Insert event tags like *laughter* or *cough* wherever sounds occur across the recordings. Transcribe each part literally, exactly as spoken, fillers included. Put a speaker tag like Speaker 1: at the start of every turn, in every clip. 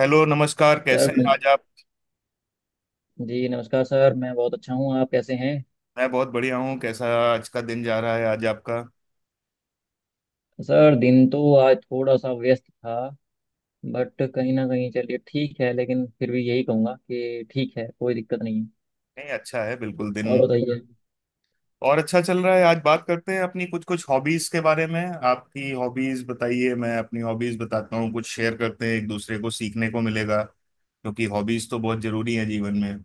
Speaker 1: Hello, नमस्कार। कैसे
Speaker 2: sir
Speaker 1: हैं आज आप?
Speaker 2: जी नमस्कार सर। मैं बहुत अच्छा हूँ, आप कैसे हैं?
Speaker 1: मैं बहुत बढ़िया हूँ। कैसा आज का दिन जा रहा है, आज आपका?
Speaker 2: सर दिन तो आज थोड़ा सा व्यस्त था, बट कहीं ना कहीं चलिए ठीक है। लेकिन फिर भी यही कहूँगा कि ठीक है, कोई दिक्कत नहीं है।
Speaker 1: नहीं, अच्छा है बिल्कुल दिन।
Speaker 2: और बताइए।
Speaker 1: और अच्छा चल रहा है। आज बात करते हैं अपनी कुछ कुछ हॉबीज के बारे में। आपकी हॉबीज बताइए, मैं अपनी हॉबीज बताता हूँ, कुछ शेयर करते हैं, एक दूसरे को सीखने को मिलेगा, क्योंकि हॉबीज तो बहुत जरूरी है जीवन में,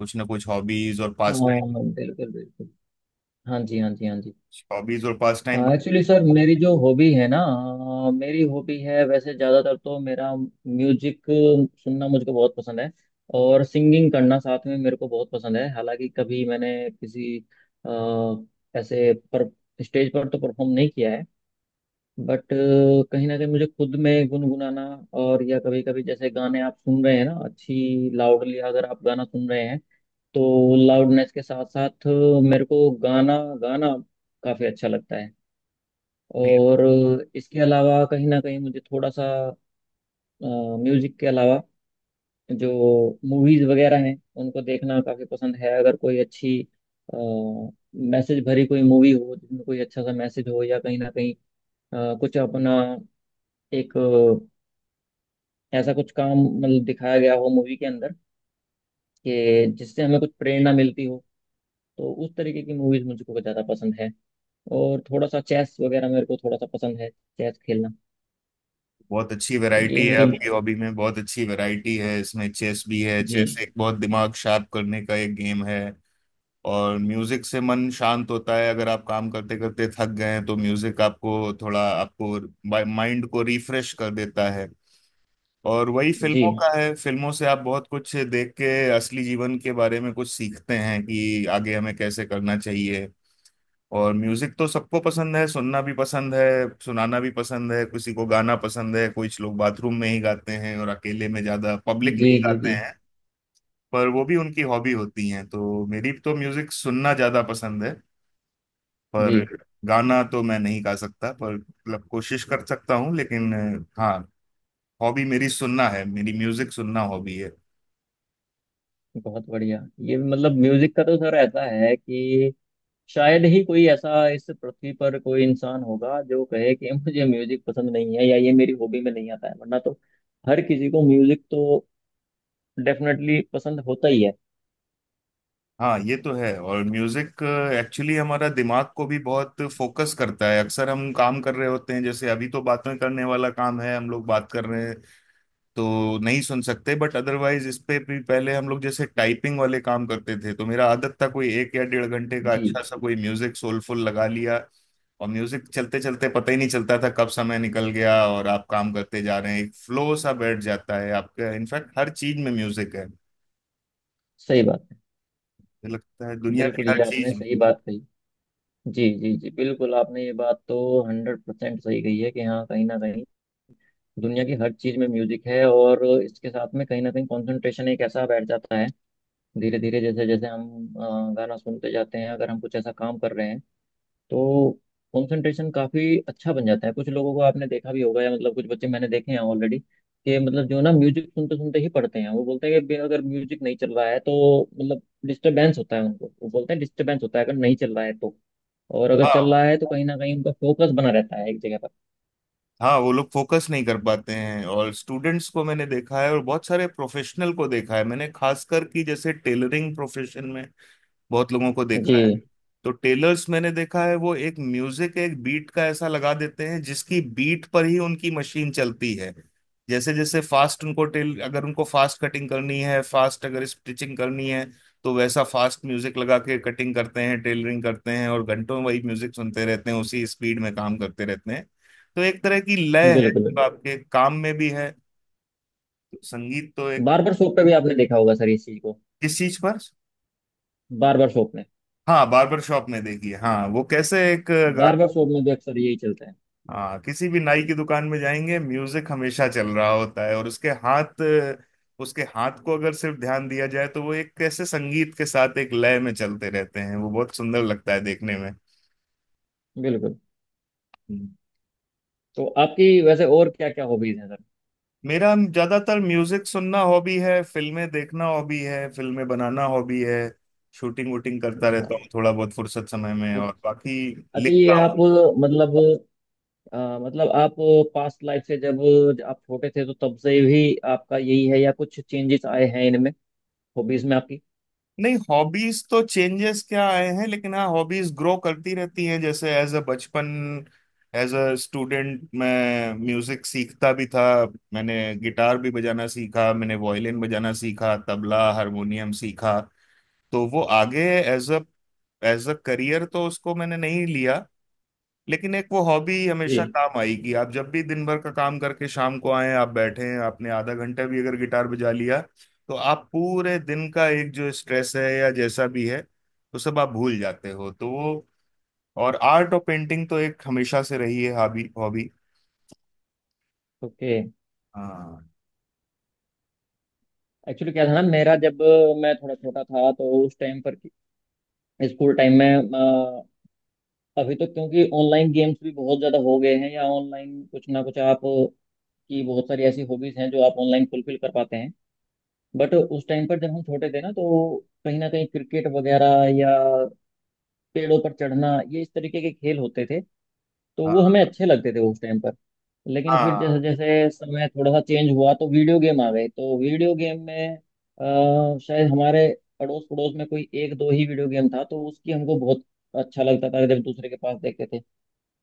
Speaker 1: कुछ ना कुछ हॉबीज और पास टाइम।
Speaker 2: हाँ बिल्कुल बिल्कुल। हाँ जी, हाँ जी, हाँ जी।
Speaker 1: हॉबीज और पास टाइम।
Speaker 2: एक्चुअली सर मेरी जो हॉबी है ना, अ, मेरी हॉबी है, वैसे ज़्यादातर तो मेरा म्यूजिक सुनना मुझको बहुत पसंद है। और सिंगिंग करना साथ में मेरे को बहुत पसंद है। हालांकि कभी मैंने किसी अ, ऐसे पर स्टेज पर तो परफॉर्म नहीं किया है, बट कहीं ना कहीं मुझे खुद में गुनगुनाना, और या कभी कभी जैसे गाने आप सुन रहे हैं ना, अच्छी लाउडली अगर आप गाना सुन रहे हैं तो लाउडनेस के साथ साथ मेरे को गाना गाना काफ़ी अच्छा लगता है। और इसके अलावा कहीं ना कहीं मुझे थोड़ा सा म्यूजिक के अलावा जो मूवीज वगैरह हैं उनको देखना काफी पसंद है। अगर कोई अच्छी मैसेज भरी कोई मूवी हो जिसमें कोई अच्छा सा मैसेज हो, या कहीं ना कहीं अ, कुछ अपना एक अ, ऐसा कुछ काम मतलब दिखाया गया हो मूवी के अंदर कि जिससे हमें कुछ प्रेरणा मिलती हो, तो उस तरीके की मूवीज मुझको कुछ ज्यादा पसंद है। और थोड़ा सा चेस वगैरह मेरे को थोड़ा सा पसंद है, चेस खेलना।
Speaker 1: बहुत अच्छी
Speaker 2: तो ये
Speaker 1: वैरायटी है
Speaker 2: मेरी।
Speaker 1: आपकी हॉबी में, बहुत अच्छी वैरायटी है। इसमें चेस भी है,
Speaker 2: जी
Speaker 1: चेस एक बहुत दिमाग शार्प करने का एक गेम है। और म्यूजिक से मन शांत होता है, अगर आप काम करते करते थक गए हैं तो म्यूजिक आपको थोड़ा आपको माइंड को रिफ्रेश कर देता है। और वही फिल्मों
Speaker 2: जी
Speaker 1: का है, फिल्मों से आप बहुत कुछ देख के असली जीवन के बारे में कुछ सीखते हैं कि आगे हमें कैसे करना चाहिए। और म्यूजिक तो सबको पसंद है, सुनना भी पसंद है, सुनाना भी पसंद है। किसी को गाना पसंद है, कुछ लोग बाथरूम में ही गाते हैं और अकेले में, ज्यादा पब्लिक में
Speaker 2: जी।
Speaker 1: ही
Speaker 2: जी
Speaker 1: गाते
Speaker 2: जी
Speaker 1: हैं, पर वो भी उनकी हॉबी होती है। तो मेरी तो म्यूजिक सुनना ज्यादा पसंद है। पर
Speaker 2: जी।
Speaker 1: गाना तो मैं नहीं गा सकता, पर मतलब कोशिश कर सकता हूँ, लेकिन अ, हाँ, हॉबी मेरी सुनना है, मेरी म्यूजिक सुनना हॉबी है।
Speaker 2: बहुत बढ़िया। ये मतलब म्यूजिक का तो सर ऐसा है कि शायद ही कोई ऐसा इस पृथ्वी पर कोई इंसान होगा जो कहे कि *laughs* मुझे म्यूजिक पसंद नहीं है या ये मेरी हॉबी में नहीं आता है, वरना तो हर किसी को म्यूजिक तो डेफिनेटली पसंद होता ही है।
Speaker 1: हाँ, ये तो है। और म्यूजिक एक्चुअली हमारा दिमाग को भी बहुत फोकस करता है। अक्सर हम काम कर रहे होते हैं, जैसे अभी तो बातें करने वाला काम है, हम लोग बात कर रहे हैं, तो नहीं सुन सकते, बट अदरवाइज। इस पे भी पहले हम लोग जैसे टाइपिंग वाले काम करते थे, तो मेरा आदत था कोई एक या डेढ़ घंटे का
Speaker 2: जी।
Speaker 1: अच्छा सा कोई म्यूजिक सोलफुल लगा लिया, और म्यूजिक चलते चलते पता ही नहीं चलता था कब समय निकल गया, और आप काम करते जा रहे हैं, एक फ्लो सा बैठ जाता है आपका। इनफैक्ट हर चीज में म्यूजिक है मुझे
Speaker 2: सही बात है।
Speaker 1: लगता है, दुनिया की
Speaker 2: बिल्कुल ये
Speaker 1: हर
Speaker 2: आपने
Speaker 1: चीज में।
Speaker 2: सही बात कही। जी जी जी, बिल्कुल आपने ये बात तो हंड्रेड परसेंट सही कही है कि हाँ कहीं ना कहीं दुनिया की हर चीज में म्यूजिक है। और इसके साथ में कहीं ना कहीं कंसंट्रेशन एक ऐसा बैठ जाता है धीरे धीरे, जैसे जैसे हम अ, गाना सुनते जाते हैं। अगर हम कुछ ऐसा काम कर रहे हैं तो कंसंट्रेशन काफी अच्छा बन जाता है। कुछ लोगों को आपने देखा भी होगा, या मतलब कुछ बच्चे मैंने देखे हैं ऑलरेडी कि मतलब जो ना म्यूजिक सुनते सुनते ही पढ़ते हैं, वो बोलते हैं कि बे- अगर म्यूजिक नहीं चल रहा है तो मतलब डिस्टरबेंस होता है उनको। वो बोलते हैं डिस्टरबेंस होता है अगर नहीं चल रहा है तो, और अगर चल
Speaker 1: हाँ।
Speaker 2: रहा है तो कहीं ना कहीं उनका फोकस बना रहता है एक जगह पर।
Speaker 1: हाँ, वो लोग फोकस नहीं कर पाते हैं, और स्टूडेंट्स को मैंने देखा है और बहुत सारे प्रोफेशनल को देखा है मैंने, खासकर कि जैसे टेलरिंग प्रोफेशन में बहुत लोगों को
Speaker 2: जी।
Speaker 1: देखा है। तो टेलर्स मैंने देखा है, वो एक म्यूजिक, एक बीट का ऐसा लगा देते हैं जिसकी बीट पर ही उनकी मशीन चलती है। जैसे जैसे फास्ट उनको टेल, अगर उनको फास्ट कटिंग करनी है, फास्ट अगर स्टिचिंग करनी है, तो वैसा फास्ट म्यूजिक लगा के कटिंग करते हैं, टेलरिंग करते हैं, और घंटों वही म्यूजिक सुनते रहते हैं, उसी स्पीड में काम करते रहते हैं। तो एक तरह की लय है
Speaker 2: बिल्कुल।
Speaker 1: जो आपके काम में भी है। तो संगीत तो एक।
Speaker 2: बार्बर शॉप पे भी आपने देखा होगा सर इस चीज को।
Speaker 1: किस चीज पर?
Speaker 2: बार्बर शॉप में।
Speaker 1: हाँ, बार्बर शॉप में देखिए, हाँ, वो कैसे एक।
Speaker 2: बार्बर शॉप में भी अक्सर यही चलता है।
Speaker 1: हाँ, किसी भी नाई की दुकान में जाएंगे म्यूजिक हमेशा चल रहा होता है, और उसके हाथ उसके हाथ को अगर सिर्फ ध्यान दिया जाए तो वो एक कैसे संगीत के साथ एक लय में चलते रहते हैं, वो बहुत सुंदर लगता है देखने में।
Speaker 2: बिल्कुल।
Speaker 1: हम्म।
Speaker 2: तो आपकी वैसे और क्या क्या हॉबीज हैं सर?
Speaker 1: मेरा ज्यादातर म्यूजिक सुनना हॉबी है, फिल्में देखना हॉबी है, फिल्में बनाना हॉबी है, शूटिंग वूटिंग करता
Speaker 2: अच्छा।
Speaker 1: रहता हूँ थोड़ा बहुत फुर्सत समय में,
Speaker 2: अ-
Speaker 1: और बाकी
Speaker 2: अच्छा ये
Speaker 1: लिखता हूँ।
Speaker 2: आप मतलब, अ, मतलब आप पास्ट लाइफ से जब आप छोटे थे तो तब से भी आपका यही है या कुछ चेंजेस आए हैं इनमें, हॉबीज में आपकी?
Speaker 1: नहीं, हॉबीज तो चेंजेस क्या आए हैं, लेकिन हाँ, हॉबीज ग्रो करती रहती हैं। जैसे एज अ बचपन, एज अ स्टूडेंट मैं म्यूजिक सीखता भी था। मैंने गिटार भी बजाना सीखा, मैंने वायलिन बजाना सीखा, तबला हारमोनियम सीखा। तो वो आगे as a as a career, तो उसको मैंने नहीं लिया। लेकिन एक वो हॉबी हमेशा
Speaker 2: जी।
Speaker 1: काम आएगी। आप जब भी दिन भर का काम करके शाम को आए, आप बैठे हैं, आपने आधा घंटा भी अगर गिटार बजा लिया तो आप पूरे दिन का एक जो स्ट्रेस है या जैसा भी है, वो सब आप भूल जाते हो। तो वो, और आर्ट और पेंटिंग तो एक हमेशा से रही है हॉबी, हॉबी।
Speaker 2: ओके।
Speaker 1: हाँ।
Speaker 2: एक्चुअली क्या था ना, मेरा जब मैं थोड़ा छोटा था तो उस टाइम पर स्कूल टाइम में, अ, अभी तो क्योंकि ऑनलाइन गेम्स भी बहुत ज़्यादा हो गए हैं, या ऑनलाइन कुछ ना कुछ आप की बहुत सारी ऐसी हॉबीज हैं जो आप ऑनलाइन फुलफिल कर पाते हैं। बट उस टाइम पर जब हम छोटे थे ना तो कहीं ना कहीं क्रिकेट वगैरह या पेड़ों पर चढ़ना, ये इस तरीके के खेल होते थे, तो वो
Speaker 1: हाँ।
Speaker 2: हमें अच्छे लगते थे उस टाइम पर। लेकिन फिर जैसे
Speaker 1: हाँ।
Speaker 2: जैसे समय थोड़ा सा चेंज हुआ तो वीडियो गेम आ गए। तो वीडियो गेम में, अ, शायद हमारे अड़ोस पड़ोस में कोई एक दो ही वीडियो गेम था तो उसकी हमको बहुत अच्छा लगता था जब दूसरे के पास देखते थे।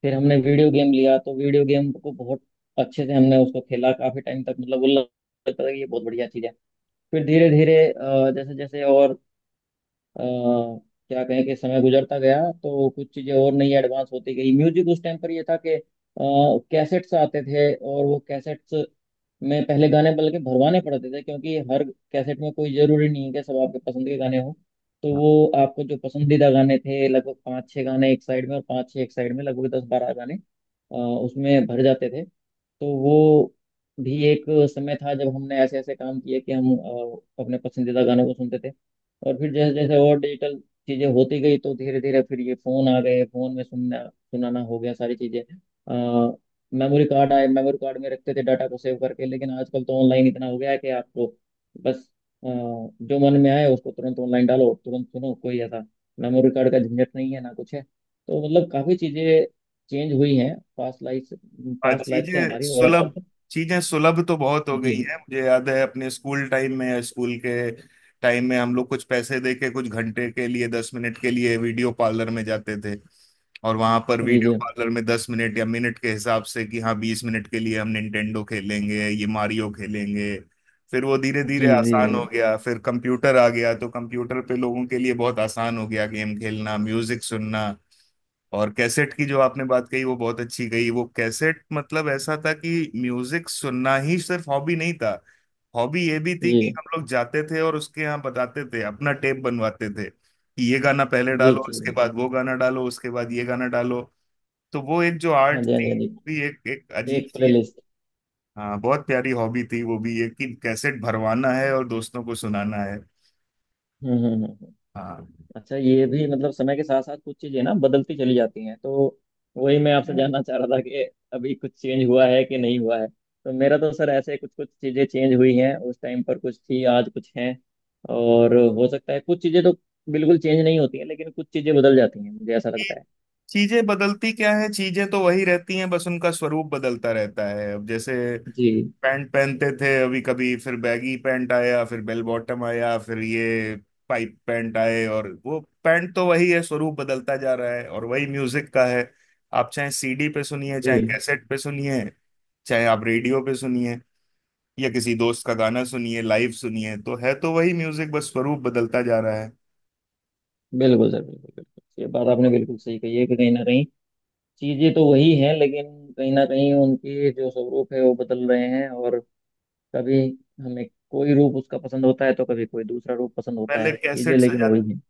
Speaker 2: फिर हमने वीडियो गेम लिया, तो वीडियो गेम को बहुत अच्छे से हमने उसको खेला काफी टाइम तक। मतलब वो लगता था कि ये बहुत बढ़िया चीज है। फिर धीरे धीरे जैसे जैसे और अ, क्या कहें कि समय गुजरता गया, तो कुछ चीजें और नई एडवांस होती गई। म्यूजिक उस टाइम पर ये था कि कैसेट्स आते थे, और वो कैसेट्स में पहले गाने बल्कि भरवाने पड़ते थे, क्योंकि हर कैसेट में कोई जरूरी नहीं है कि सब आपके पसंद के गाने हों। तो वो आपको जो पसंदीदा गाने थे, लगभग पाँच छः गाने एक साइड में और पाँच छः एक साइड में, लगभग दस बारह गाने अ, उसमें भर जाते थे। तो वो भी एक समय था जब हमने ऐसे ऐसे काम किए कि हम अ, अपने पसंदीदा गानों को सुनते थे। और फिर जैसे जैसे और डिजिटल चीजें होती गई तो धीरे धीरे फिर ये फोन आ गए। फोन में सुनना सुनाना हो गया सारी चीजें, आ, मेमोरी कार्ड आए, मेमोरी कार्ड में रखते थे डाटा को सेव करके। लेकिन आजकल तो ऑनलाइन इतना हो गया है कि आपको बस अ, जो मन में आए उसको तुरंत ऑनलाइन डालो और तुरंत सुनो। कोई ऐसा मेमोरी कार्ड का झंझट नहीं है, ना कुछ है। तो मतलब काफी चीजें चेंज हुई हैं पास्ट लाइफ से,
Speaker 1: हाँ,
Speaker 2: पास्ट लाइफ से
Speaker 1: चीजें
Speaker 2: हमारी और अब
Speaker 1: सुलभ
Speaker 2: तक।
Speaker 1: चीजें सुलभ तो बहुत हो
Speaker 2: जी
Speaker 1: गई है। मुझे याद है अपने स्कूल टाइम में स्कूल के टाइम में हम लोग कुछ पैसे दे के कुछ घंटे के लिए, दस मिनट के लिए वीडियो पार्लर में जाते थे। और वहां पर
Speaker 2: जी
Speaker 1: वीडियो
Speaker 2: जी।
Speaker 1: पार्लर में दस मिनट या मिनट के हिसाब से, कि हाँ बीस मिनट के लिए हम निंटेंडो खेलेंगे, ये मारियो खेलेंगे। फिर वो धीरे
Speaker 2: जी
Speaker 1: धीरे
Speaker 2: जी
Speaker 1: आसान
Speaker 2: जी।
Speaker 1: हो गया, फिर कंप्यूटर आ गया, तो कंप्यूटर पे लोगों के लिए बहुत आसान हो गया गेम खेलना, म्यूजिक सुनना। और कैसेट की जो आपने बात कही वो बहुत अच्छी कही। वो कैसेट मतलब ऐसा था कि म्यूजिक सुनना ही सिर्फ हॉबी नहीं था, हॉबी ये भी थी
Speaker 2: जी
Speaker 1: कि हम लोग जाते थे और उसके यहाँ बताते थे, अपना टेप बनवाते थे कि ये गाना पहले
Speaker 2: जी
Speaker 1: डालो,
Speaker 2: जी।
Speaker 1: इसके
Speaker 2: जी
Speaker 1: बाद वो गाना डालो, उसके बाद ये गाना डालो। तो वो एक जो
Speaker 2: हाँ
Speaker 1: आर्ट
Speaker 2: जी, हाँ जी,
Speaker 1: थी,
Speaker 2: हाँ
Speaker 1: वो भी
Speaker 2: जी।
Speaker 1: एक एक अजीब
Speaker 2: एक प्ले।
Speaker 1: सी- हाँ, बहुत प्यारी हॉबी थी वो भी, ये कि कैसेट भरवाना है और दोस्तों को सुनाना है।
Speaker 2: हम्म हम्म, हम्म। हम्म।
Speaker 1: हाँ,
Speaker 2: अच्छा ये भी मतलब समय के साथ साथ कुछ चीजें ना बदलती चली जाती हैं, तो वही मैं आपसे जानना चाह रहा था कि अभी कुछ चेंज हुआ है कि नहीं हुआ है। तो मेरा तो सर ऐसे कुछ कुछ चीजें चेंज हुई हैं, उस टाइम पर कुछ थी आज कुछ हैं। और हो सकता है कुछ चीजें तो बिल्कुल चेंज नहीं होती हैं, लेकिन कुछ चीजें बदल जाती हैं, मुझे ऐसा
Speaker 1: ये
Speaker 2: लगता है।
Speaker 1: चीजें बदलती क्या है? चीजें तो वही रहती हैं, बस उनका स्वरूप बदलता रहता है। अब जैसे
Speaker 2: जी।
Speaker 1: पैंट पहनते थे अभी, कभी फिर बैगी पैंट आया, फिर बेल बॉटम आया, फिर ये पाइप पैंट आए, और वो पैंट तो वही है, स्वरूप बदलता जा रहा है। और वही म्यूजिक का है, आप चाहे सीडी पे सुनिए, चाहे
Speaker 2: जी।
Speaker 1: कैसेट पे सुनिए, चाहे आप रेडियो पे सुनिए, या किसी दोस्त का गाना सुनिए, लाइव सुनिए, तो है तो वही म्यूजिक, बस स्वरूप बदलता जा रहा है।
Speaker 2: बिल्कुल सर, बिल्कुल बिल्कुल। ये बात आपने बिल्कुल सही कही है कि कहीं ना कहीं चीजें तो वही हैं, लेकिन कहीं ना कहीं उनके जो स्वरूप है वो बदल रहे हैं। और कभी हमें कोई रूप उसका पसंद होता है, तो कभी कोई दूसरा रूप पसंद होता
Speaker 1: पहले
Speaker 2: है, चीजें
Speaker 1: कैसेट
Speaker 2: लेकिन
Speaker 1: सजाते
Speaker 2: वही है।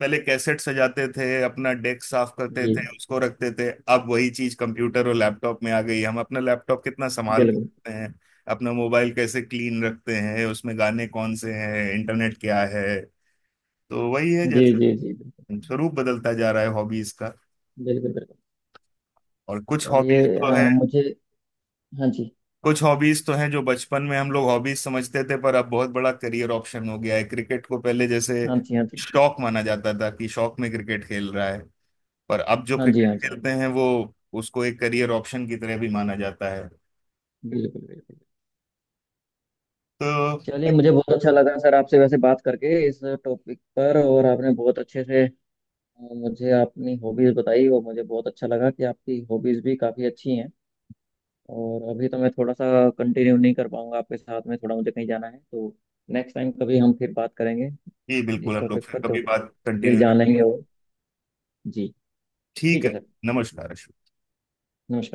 Speaker 1: पहले कैसेट सजाते थे, अपना डेस्क साफ करते
Speaker 2: जी।
Speaker 1: थे, उसको रखते थे। अब वही चीज कंप्यूटर और लैपटॉप में आ गई है। हम अपना लैपटॉप कितना संभाल के
Speaker 2: बिल्कुल।
Speaker 1: रखते हैं, अपना मोबाइल कैसे क्लीन रखते हैं, उसमें गाने कौन से हैं, इंटरनेट क्या है। तो वही है,
Speaker 2: जी जी
Speaker 1: जैसे
Speaker 2: जी, बिल्कुल
Speaker 1: स्वरूप बदलता जा रहा है हॉबीज का।
Speaker 2: बिल्कुल बिल्कुल।
Speaker 1: और कुछ
Speaker 2: चलिए
Speaker 1: हॉबीज तो
Speaker 2: अ,
Speaker 1: है
Speaker 2: मुझे। हाँ जी,
Speaker 1: कुछ हॉबीज तो हैं जो बचपन में हम लोग हॉबीज समझते थे, पर अब बहुत बड़ा करियर ऑप्शन हो गया है। क्रिकेट को पहले जैसे
Speaker 2: हाँ जी, हाँ जी।
Speaker 1: शौक माना जाता था, कि शौक में क्रिकेट खेल रहा है, पर अब जो
Speaker 2: हाँ जी,
Speaker 1: क्रिकेट
Speaker 2: हाँ जी, हाँ
Speaker 1: खेलते
Speaker 2: जी।
Speaker 1: हैं वो उसको एक करियर ऑप्शन की तरह भी माना जाता है।
Speaker 2: बिल्कुल बिल्कुल।
Speaker 1: तो
Speaker 2: चलिए मुझे बहुत अच्छा लगा सर आपसे वैसे बात करके इस टॉपिक पर, और आपने बहुत अच्छे से अ, मुझे अपनी हॉबीज बताई, और मुझे बहुत अच्छा लगा कि आपकी हॉबीज भी काफी अच्छी हैं। और अभी तो मैं थोड़ा सा कंटिन्यू नहीं कर पाऊंगा आपके साथ में, थोड़ा मुझे कहीं जाना है, तो नेक्स्ट टाइम कभी हम फिर बात करेंगे
Speaker 1: ये बिल्कुल,
Speaker 2: इस
Speaker 1: हम लोग
Speaker 2: टॉपिक
Speaker 1: फिर
Speaker 2: पर। तो
Speaker 1: कभी बात
Speaker 2: फिर
Speaker 1: कंटिन्यू
Speaker 2: जान
Speaker 1: करते
Speaker 2: लेंगे।
Speaker 1: हैं।
Speaker 2: और जी, ठीक
Speaker 1: ठीक
Speaker 2: है
Speaker 1: है।
Speaker 2: सर।
Speaker 1: नमस्कार अश्विन।
Speaker 2: नमस्कार।